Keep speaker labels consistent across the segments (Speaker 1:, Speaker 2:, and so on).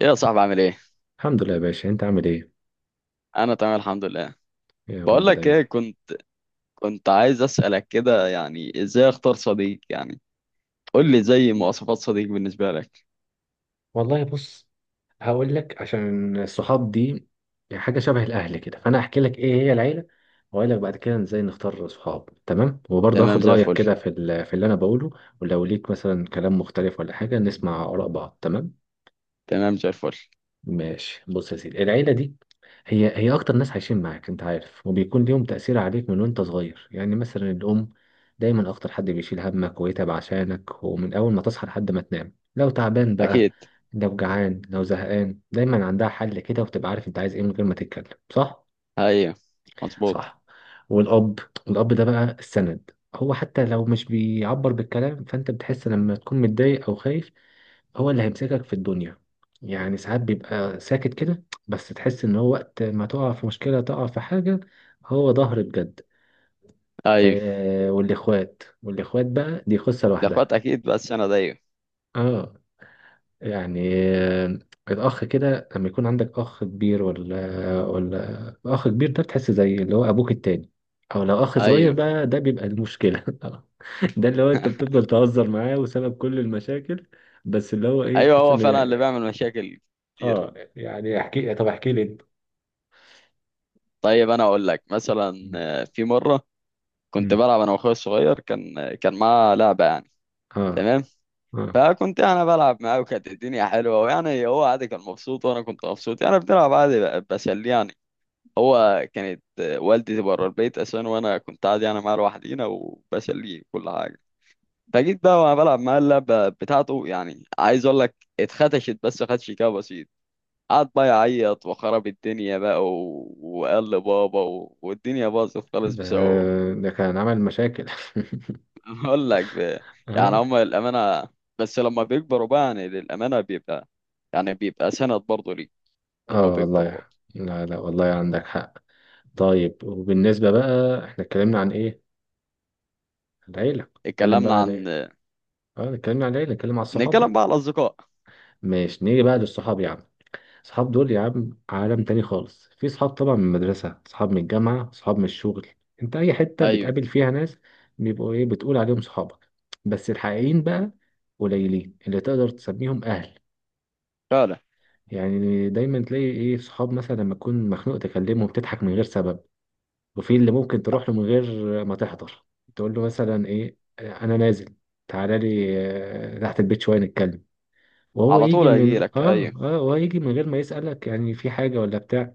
Speaker 1: ايه يا صاحبي؟ عامل ايه؟
Speaker 2: الحمد لله يا باشا انت عامل ايه.
Speaker 1: انا تمام الحمد لله.
Speaker 2: يا رب
Speaker 1: بقول لك
Speaker 2: دايما.
Speaker 1: ايه، كنت عايز اسالك كده، يعني ازاي اختار صديق؟ يعني قول لي زي مواصفات صديق بالنسبه لك.
Speaker 2: والله بص، هقول لك عشان الصحاب دي يعني حاجه شبه الاهل كده، فانا هحكي لك ايه هي العيله واقول لك بعد كده ازاي نختار صحاب. تمام؟ وبرضه
Speaker 1: تمام
Speaker 2: هاخد
Speaker 1: زي
Speaker 2: رايك
Speaker 1: الفل.
Speaker 2: كده في اللي انا بقوله، ولو ليك مثلا كلام مختلف ولا حاجه نسمع اراء بعض. تمام،
Speaker 1: تمام زي الفل.
Speaker 2: ماشي. بص يا سيدي، العيلة دي هي أكتر ناس عايشين معاك أنت عارف، وبيكون ليهم تأثير عليك من وأنت صغير. يعني مثلا الأم، دايما أكتر حد بيشيل همك ويتعب عشانك، ومن أول ما تصحى لحد ما تنام، لو تعبان بقى
Speaker 1: اكيد.
Speaker 2: لو جعان لو زهقان دايما عندها حل كده، وبتبقى عارف أنت عايز إيه من غير ما تتكلم، صح؟
Speaker 1: ايوه، مظبوط.
Speaker 2: صح. والأب، الأب ده بقى السند، هو حتى لو مش بيعبر بالكلام فأنت بتحس لما تكون متضايق أو خايف هو اللي هيمسكك في الدنيا. يعني ساعات بيبقى ساكت كده بس تحس ان هو وقت ما تقع في مشكلة تقع في حاجة هو ظهر بجد.
Speaker 1: ايوه.
Speaker 2: آه، والاخوات، والاخوات بقى دي قصة
Speaker 1: الاخوات
Speaker 2: لوحدها.
Speaker 1: اكيد، بس انا ده ايوه.
Speaker 2: اه يعني آه الاخ كده لما يكون عندك اخ كبير ولا اخ كبير، ده بتحس زي اللي هو ابوك التاني. او لو اخ صغير
Speaker 1: ايوه
Speaker 2: بقى ده بيبقى المشكلة آه. ده اللي هو انت بتفضل تهزر معاه وسبب كل المشاكل، بس اللي هو ايه،
Speaker 1: ايوه،
Speaker 2: تحس
Speaker 1: هو
Speaker 2: ان
Speaker 1: فعلا اللي بيعمل مشاكل كتير.
Speaker 2: احكي، طب احكي لي انت.
Speaker 1: طيب انا اقول لك مثلا، في مره كنت
Speaker 2: مم.
Speaker 1: بلعب انا واخويا الصغير، كان معاه لعبه يعني.
Speaker 2: اه.
Speaker 1: تمام.
Speaker 2: اه
Speaker 1: فكنت انا بلعب معاه وكانت الدنيا حلوه، ويعني هو عادي، كان مبسوط وانا كنت مبسوط، يعني بنلعب عادي، بسلي يعني. هو كانت والدتي بره البيت اساسا، وانا كنت عادي يعني معاه لوحدينا وبسليه كل حاجه. فجيت بقى وانا بلعب معاه اللعبه بتاعته، يعني عايز اقول لك اتخدشت بس خدش كده بسيط. قعد بقى يعيط وخرب الدنيا بقى، وقال لبابا، والدنيا باظت خالص
Speaker 2: ده
Speaker 1: بسببه.
Speaker 2: ده كان عمل مشاكل.
Speaker 1: بقول لك يعني
Speaker 2: اه.
Speaker 1: هم للأمانة، بس لما بيكبروا بقى، يعني للأمانة بيبقى، يعني بيبقى سند برضه ليه لما
Speaker 2: اه
Speaker 1: بيكبروا
Speaker 2: والله.
Speaker 1: برضه.
Speaker 2: لا لا والله عندك حق. طيب وبالنسبة بقى، احنا اتكلمنا عن ايه؟ العيلة. اتكلم بقى
Speaker 1: اتكلمنا
Speaker 2: عن
Speaker 1: عن،
Speaker 2: ايه؟ اه، اتكلمنا عن العيلة، اتكلم عن الصحاب
Speaker 1: نتكلم
Speaker 2: بقى.
Speaker 1: بقى على الأصدقاء.
Speaker 2: ماشي، نيجي بقى للصحاب يا عم. صحاب دول يا عم عالم تاني خالص، في صحاب طبعا من المدرسة، صحاب من الجامعة، صحاب من الشغل، انت اي حتة
Speaker 1: أيوه
Speaker 2: بتقابل فيها ناس بيبقوا ايه، بتقول عليهم صحابك. بس الحقيقيين بقى قليلين اللي تقدر تسميهم اهل.
Speaker 1: فعلا.
Speaker 2: يعني دايما تلاقي ايه، صحاب مثلا لما تكون مخنوق تكلمهم تضحك من غير سبب، وفي اللي ممكن تروح له من غير ما تحضر، تقول له مثلا ايه انا نازل تعالى لي، تحت البيت شوية نتكلم، وهو
Speaker 1: على
Speaker 2: يجي
Speaker 1: طول
Speaker 2: من
Speaker 1: هيجيلك، أيوه.
Speaker 2: وهو يجي من غير ما يسألك يعني في حاجة ولا بتاع.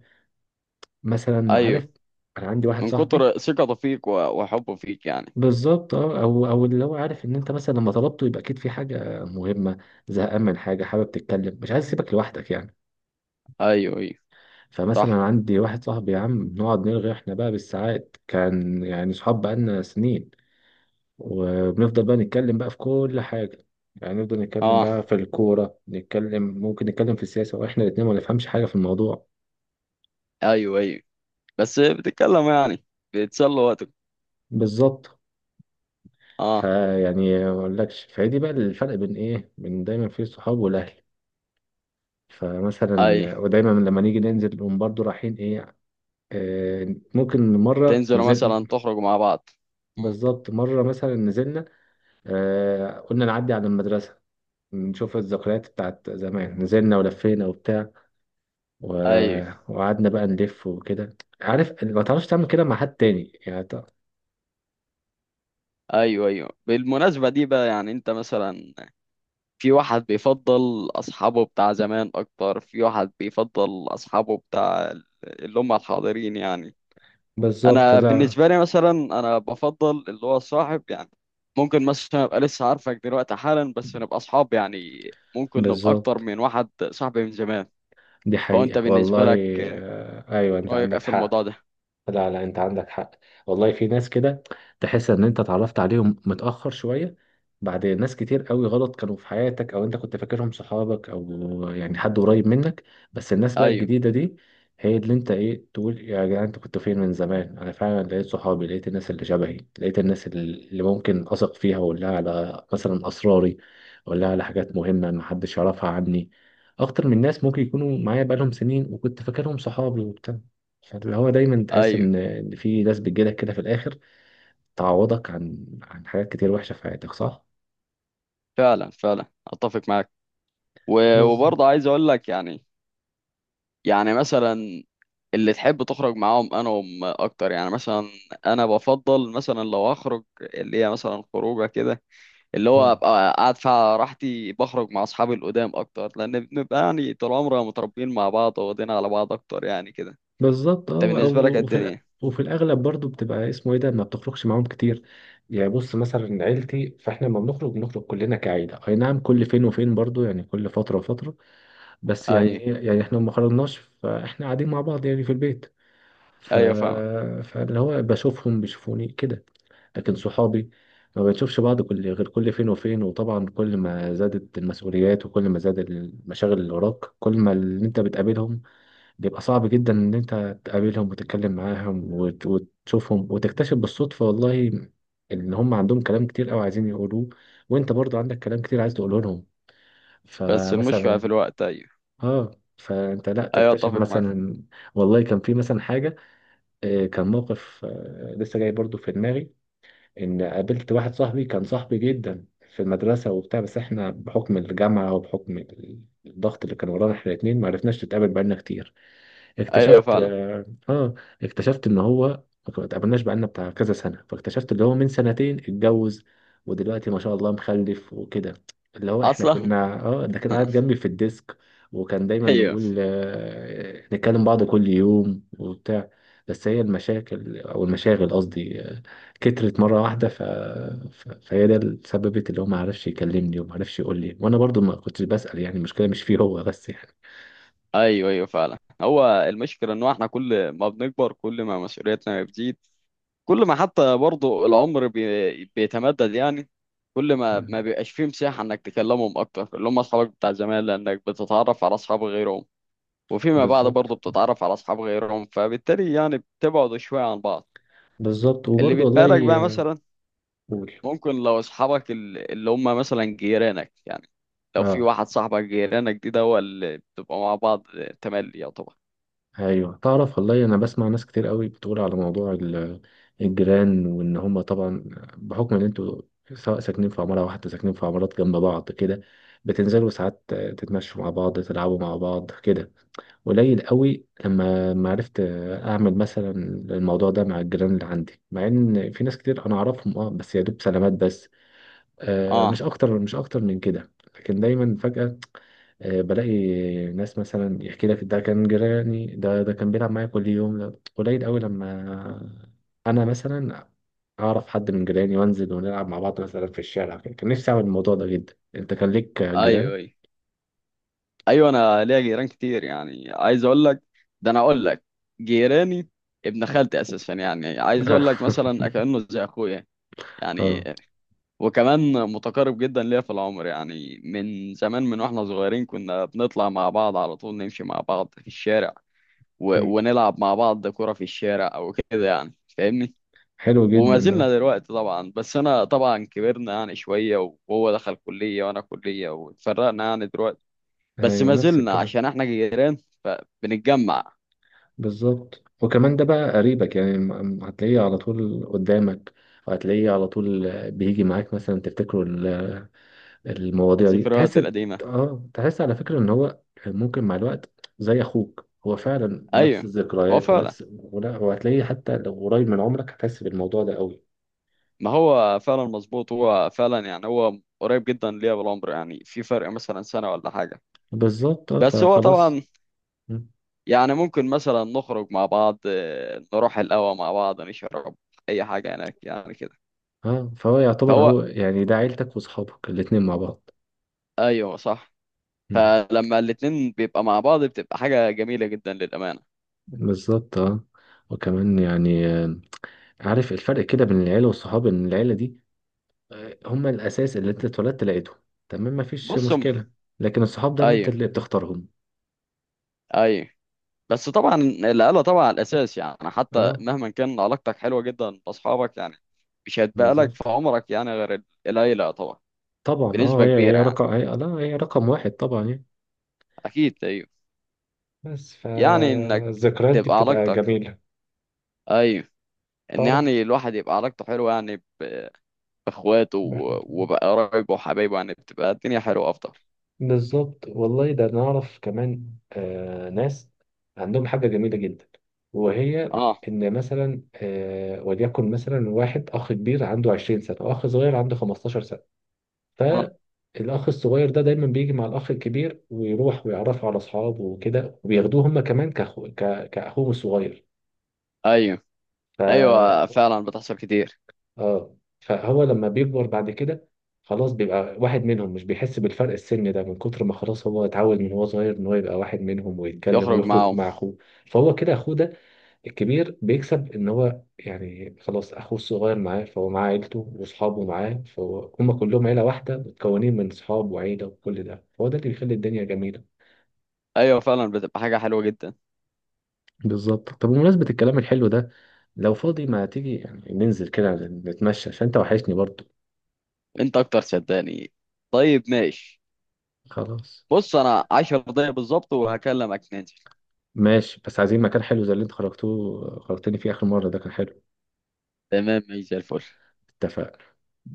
Speaker 2: مثلا
Speaker 1: أيوه،
Speaker 2: عارف، انا عندي واحد
Speaker 1: من
Speaker 2: صاحبي.
Speaker 1: كتر ثقته فيك وحبه فيك يعني.
Speaker 2: بالظبط اه، او اللي هو عارف ان انت مثلا لما طلبته يبقى اكيد في حاجه مهمه، زهقان من حاجه، حابب تتكلم، مش عايز اسيبك لوحدك يعني.
Speaker 1: أيوه أيوه
Speaker 2: فمثلا
Speaker 1: صح.
Speaker 2: عندي واحد صاحبي يا عم بنقعد نرغي احنا بقى بالساعات، كان يعني صحاب بقالنا سنين. وبنفضل بقى نتكلم بقى في كل حاجه، يعني نفضل نتكلم
Speaker 1: أه
Speaker 2: بقى في الكوره، نتكلم ممكن نتكلم في السياسه واحنا الاتنين ما نفهمش حاجه في الموضوع.
Speaker 1: أيوه أيوه، بس بتتكلم يعني، بتسلوا وقتك.
Speaker 2: بالظبط.
Speaker 1: أه
Speaker 2: فيعني ما اقولكش، فهي دي بقى الفرق بين ايه، بين دايما في الصحاب والاهل.
Speaker 1: أيوه،
Speaker 2: فمثلا ودايما لما نيجي ننزل نقوم برضو رايحين ايه، آه ممكن مرة
Speaker 1: تنزلوا مثلا
Speaker 2: نزل.
Speaker 1: تخرجوا مع بعض. مم.
Speaker 2: بالظبط، مرة مثلا نزلنا، آه قلنا نعدي على المدرسة، نشوف الذكريات بتاعت زمان، نزلنا ولفينا وبتاع، و...
Speaker 1: أيوه
Speaker 2: وقعدنا بقى نلف وكده عارف، ما تعرفش تعمل كده مع حد تاني يعني
Speaker 1: أيوه. أيوه، بالمناسبة دي بقى، يعني أنت مثلا في واحد بيفضل أصحابه بتاع زمان أكتر، في واحد بيفضل أصحابه بتاع اللي هم الحاضرين يعني.
Speaker 2: بالظبط.
Speaker 1: أنا
Speaker 2: لا
Speaker 1: بالنسبة لي مثلا أنا بفضل اللي هو صاحب يعني. ممكن مثلا أبقى لسه عارفك دلوقتي حالا، بس نبقى أصحاب يعني. ممكن نبقى أكتر
Speaker 2: بالظبط،
Speaker 1: من واحد صاحبي من زمان.
Speaker 2: دي
Speaker 1: فهو أنت
Speaker 2: حقيقة
Speaker 1: بالنسبة
Speaker 2: والله.
Speaker 1: لك
Speaker 2: آه أيوة أنت
Speaker 1: رأيك إيه
Speaker 2: عندك
Speaker 1: في الموضوع
Speaker 2: حق.
Speaker 1: ده؟
Speaker 2: لا لا انت عندك حق، والله في ناس كده تحس ان انت اتعرفت عليهم متأخر شوية، بعد ناس كتير قوي غلط كانوا في حياتك، او انت كنت فاكرهم صحابك او يعني حد قريب منك. بس الناس بقى
Speaker 1: أيوه
Speaker 2: الجديدة دي هي اللي انت ايه، تقول يا جدعان انت كنت فين من زمان، انا فعلا لقيت صحابي، لقيت الناس اللي شبهي، لقيت الناس اللي ممكن اثق فيها واقول لها على مثلا اسراري، اقول لها على حاجات مهمة ما حدش يعرفها عني، اكتر من ناس ممكن يكونوا معايا بقالهم سنين وكنت فاكرهم صحابي وبتاع. فاللي هو دايما تحس
Speaker 1: أيوه،
Speaker 2: ان في ناس بتجيلك كده في الاخر، تعوضك عن حاجات كتير وحشه في حياتك، صح؟
Speaker 1: فعلا فعلا أتفق معاك.
Speaker 2: بز...
Speaker 1: وبرضه عايز أقول لك يعني، يعني مثلا اللي تحب تخرج معاهم انا وهم اكتر، يعني مثلا انا بفضل مثلا لو اخرج اللي هي مثلا خروجه كده، اللي هو
Speaker 2: مم.
Speaker 1: ابقى قاعد فيها راحتي، بخرج مع اصحابي القدام اكتر، لان بنبقى يعني طول عمرنا متربيين مع بعض، واخدين على بعض اكتر يعني كده.
Speaker 2: بالظبط
Speaker 1: انت
Speaker 2: اه
Speaker 1: بالنسبه لك إيه
Speaker 2: وفي الأ-
Speaker 1: الدنيا؟
Speaker 2: وفي الاغلب برضو بتبقى اسمه ايه، ده ما بتخرجش معاهم كتير. يعني بص مثلا عيلتي، فاحنا لما بنخرج بنخرج كلنا كعيله، اي نعم كل فين وفين برضو يعني، كل فتره وفتره، بس يعني
Speaker 1: ايوه
Speaker 2: إيه، يعني احنا ما خرجناش فاحنا قاعدين مع بعض يعني في البيت. ف...
Speaker 1: ايوه فاهمك.
Speaker 2: فاللي هو بشوفهم بيشوفوني كده، لكن صحابي ما بنشوفش بعض كل غير كل فين وفين. وطبعا كل ما زادت المسؤوليات وكل ما زاد المشاغل اللي وراك، كل ما اللي انت بتقابلهم بيبقى صعب جدا ان انت تقابلهم وتتكلم معاهم وتشوفهم، وتكتشف بالصدفة والله ان هم عندهم كلام كتير قوي عايزين يقولوه، وانت برضو عندك كلام كتير عايز تقوله لهم.
Speaker 1: بس المشكله في
Speaker 2: فمثلا
Speaker 1: الوقت، ايوه.
Speaker 2: اه، فانت لا
Speaker 1: ايوه
Speaker 2: تكتشف
Speaker 1: اتفق معاك.
Speaker 2: مثلا، والله كان في مثلا حاجة، كان موقف لسه جاي برضو في دماغي، ان قابلت واحد صاحبي كان صاحبي جدا في المدرسة وبتاع، بس احنا بحكم الجامعة وبحكم الضغط اللي كان ورانا احنا الاتنين ما عرفناش نتقابل بقالنا كتير.
Speaker 1: ايوه
Speaker 2: اكتشفت
Speaker 1: فعلا.
Speaker 2: اكتشفت ان هو ما اتقابلناش بقالنا بتاع كذا سنه، فاكتشفت اللي هو من سنتين اتجوز ودلوقتي ما شاء الله مخلف وكده، اللي هو احنا
Speaker 1: اصلا.
Speaker 2: كنا اه، ده كان قاعد جنبي في الديسك، وكان دايما
Speaker 1: ايوه.
Speaker 2: نقول نتكلم بعض كل يوم وبتاع. بس هي المشاكل او المشاغل قصدي كترت مره واحده فهي ده اللي سببت اللي هو ما عرفش يكلمني وما عرفش يقول لي، وانا برضو ما كنتش بسأل، يعني المشكله مش فيه هو بس يعني.
Speaker 1: ايوه ايوه فعلا، هو المشكله ان احنا كل ما بنكبر كل ما مسؤوليتنا بتزيد، كل ما حتى برضه العمر بيتمدد يعني، كل ما ما بيبقاش فيه مساحة انك تكلمهم اكتر اللي هم اصحابك بتاع زمان، لانك بتتعرف على اصحاب غيرهم، وفيما بعد برضه
Speaker 2: بالظبط.
Speaker 1: بتتعرف على اصحاب غيرهم، فبالتالي يعني بتبعدوا شوية عن بعض.
Speaker 2: بالظبط
Speaker 1: اللي
Speaker 2: وبرضه
Speaker 1: بيتبقى لك بقى
Speaker 2: والله.
Speaker 1: مثلا،
Speaker 2: قول.
Speaker 1: ممكن لو اصحابك اللي هم مثلا جيرانك يعني، لو في
Speaker 2: اه.
Speaker 1: واحد صاحبك جيرانك دي، ده هو اللي بتبقى مع بعض تملي، يعتبر.
Speaker 2: ايوه تعرف والله انا بسمع ناس كتير قوي بتقول على موضوع الجيران، وان هم طبعا بحكم ان انتوا سواء ساكنين في عماره واحده ساكنين في عمارات جنب بعض كده، بتنزلوا ساعات تتمشوا مع بعض تلعبوا مع بعض كده. قليل قوي لما ما عرفت اعمل مثلا الموضوع ده مع الجيران اللي عندي، مع ان في ناس كتير انا اعرفهم اه، بس يا دوب سلامات بس، آه مش
Speaker 1: اه
Speaker 2: اكتر، مش اكتر من كده. لكن دايما فجأة بلاقي ناس مثلا يحكي لك ده كان جيراني، ده كان بيلعب معايا كل يوم، ده قليل قوي لما انا مثلا اعرف حد من جيراني وانزل ونلعب مع بعض مثلا في الشارع كده. كان نفسي اعمل الموضوع ده جدا. انت كان ليك
Speaker 1: ايوه
Speaker 2: جيران؟
Speaker 1: ايوه. ايوه انا ليا جيران كتير، يعني عايز اقول لك، ده انا اقول لك جيراني ابن خالتي اساسا، يعني عايز اقول لك مثلا كانه زي اخويا يعني.
Speaker 2: اه.
Speaker 1: وكمان متقارب جدا ليا في العمر، يعني من زمان من واحنا صغيرين كنا بنطلع مع بعض على طول، نمشي مع بعض في الشارع
Speaker 2: مم.
Speaker 1: ونلعب مع بعض كرة في الشارع او كده، يعني فاهمني.
Speaker 2: حلو
Speaker 1: وما
Speaker 2: جدا ده.
Speaker 1: زلنا دلوقتي طبعا، بس انا طبعا كبرنا يعني شوية، وهو دخل كلية وانا كلية واتفرقنا يعني دلوقتي، بس
Speaker 2: ايوه
Speaker 1: ما
Speaker 2: نفس
Speaker 1: زلنا
Speaker 2: الكلام.
Speaker 1: عشان احنا جيران فبنتجمع.
Speaker 2: بالظبط، وكمان ده بقى قريبك يعني، هتلاقيه على طول قدامك، وهتلاقيه على طول بيجي معاك مثلا تفتكروا المواضيع دي،
Speaker 1: الذكريات
Speaker 2: تحس
Speaker 1: القديمة.
Speaker 2: اه، تحس على فكرة ان هو ممكن مع الوقت زي اخوك، هو فعلا نفس
Speaker 1: ايوه هو
Speaker 2: الذكريات
Speaker 1: فعلا.
Speaker 2: ونفس ولا، وهتلاقيه حتى لو قريب من عمرك هتحس بالموضوع ده قوي.
Speaker 1: ما هو فعلا مظبوط، هو فعلا يعني هو قريب جدا ليا بالعمر، يعني في فرق مثلا سنة ولا حاجة.
Speaker 2: بالظبط اه،
Speaker 1: بس هو
Speaker 2: فخلاص.
Speaker 1: طبعا
Speaker 2: مم.
Speaker 1: يعني ممكن مثلا نخرج مع بعض، نروح القهوة مع بعض، نشرب اي حاجة هناك يعني كده.
Speaker 2: اه فهو يعتبر
Speaker 1: فهو،
Speaker 2: هو يعني ده عيلتك وصحابك الاتنين مع بعض.
Speaker 1: ايوه صح.
Speaker 2: مم.
Speaker 1: فلما الاتنين بيبقى مع بعض بتبقى حاجة جميلة جدا للأمانة.
Speaker 2: بالظبط اه. وكمان يعني عارف الفرق كده بين العيلة والصحاب، ان العيلة دي هما الاساس اللي انت اتولدت لقيتهم، تمام، مفيش
Speaker 1: بص
Speaker 2: مشكلة. لكن الصحاب ده اللي انت
Speaker 1: ايوه
Speaker 2: اللي بتختارهم.
Speaker 1: ايوه. بس طبعا العيلة طبعا الأساس، يعني حتى
Speaker 2: اه.
Speaker 1: مهما كان علاقتك حلوة جدا بأصحابك يعني، مش هتبقى لك في
Speaker 2: بالظبط،
Speaker 1: عمرك يعني غير العيلة طبعا.
Speaker 2: طبعا اه،
Speaker 1: بنسبة
Speaker 2: هي هي
Speaker 1: كبيرة يعني.
Speaker 2: رقم هي لا هي رقم واحد طبعا يعني.
Speaker 1: أكيد أيوه.
Speaker 2: بس
Speaker 1: يعني إنك
Speaker 2: فالذكريات دي
Speaker 1: تبقى
Speaker 2: بتبقى
Speaker 1: علاقتك،
Speaker 2: جميلة.
Speaker 1: أيوه، إن
Speaker 2: تعرف
Speaker 1: يعني الواحد يبقى علاقته حلوة يعني بإخواته وبقرايبه وحبايبه، يعني بتبقى الدنيا حلوة أفضل.
Speaker 2: بالظبط والله، ده نعرف كمان آه ناس عندهم حاجة جميلة جدا، وهي
Speaker 1: أه
Speaker 2: إن مثلا آه وليكن مثلا واحد أخ كبير عنده 20 سنة وأخ صغير عنده 15 سنة،
Speaker 1: أه.
Speaker 2: فالأخ الصغير ده دايما بيجي مع الأخ الكبير ويروح ويعرفه على أصحابه وكده، وبياخدوه هما كمان كأخو كأخوهم الصغير.
Speaker 1: أيوه
Speaker 2: ف
Speaker 1: أيوه فعلا، بتحصل كتير.
Speaker 2: اه، فهو لما بيكبر بعد كده خلاص بيبقى واحد منهم، مش بيحس بالفرق السن ده من كتر ما خلاص هو اتعود من هو صغير ان هو يبقى واحد منهم ويتكلم
Speaker 1: يخرج
Speaker 2: ويخرج
Speaker 1: معاهم.
Speaker 2: مع اخوه. فهو كده اخوه ده الكبير بيكسب ان هو يعني خلاص اخوه الصغير معاه، فهو معاه عيلته واصحابه معاه، فهو هم كلهم عيلة واحدة متكونين من صحاب وعيلة وكل ده، فهو ده اللي بيخلي الدنيا جميلة.
Speaker 1: أيوه فعلا، بتبقى حاجة حلوة جدا.
Speaker 2: بالظبط. طب بمناسبة الكلام الحلو ده، لو فاضي ما تيجي يعني ننزل كده نتمشى عشان انت وحشني برضو.
Speaker 1: أنت أكتر صدقني. طيب ماشي.
Speaker 2: خلاص
Speaker 1: بص انا 10 دقايق بالظبط وهكلمك ننزل.
Speaker 2: ماشي، بس عايزين مكان حلو زي اللي انت خرجتوه خرجتني فيه اخر مرة، ده كان حلو.
Speaker 1: تمام ماشي زي الفل.
Speaker 2: اتفق.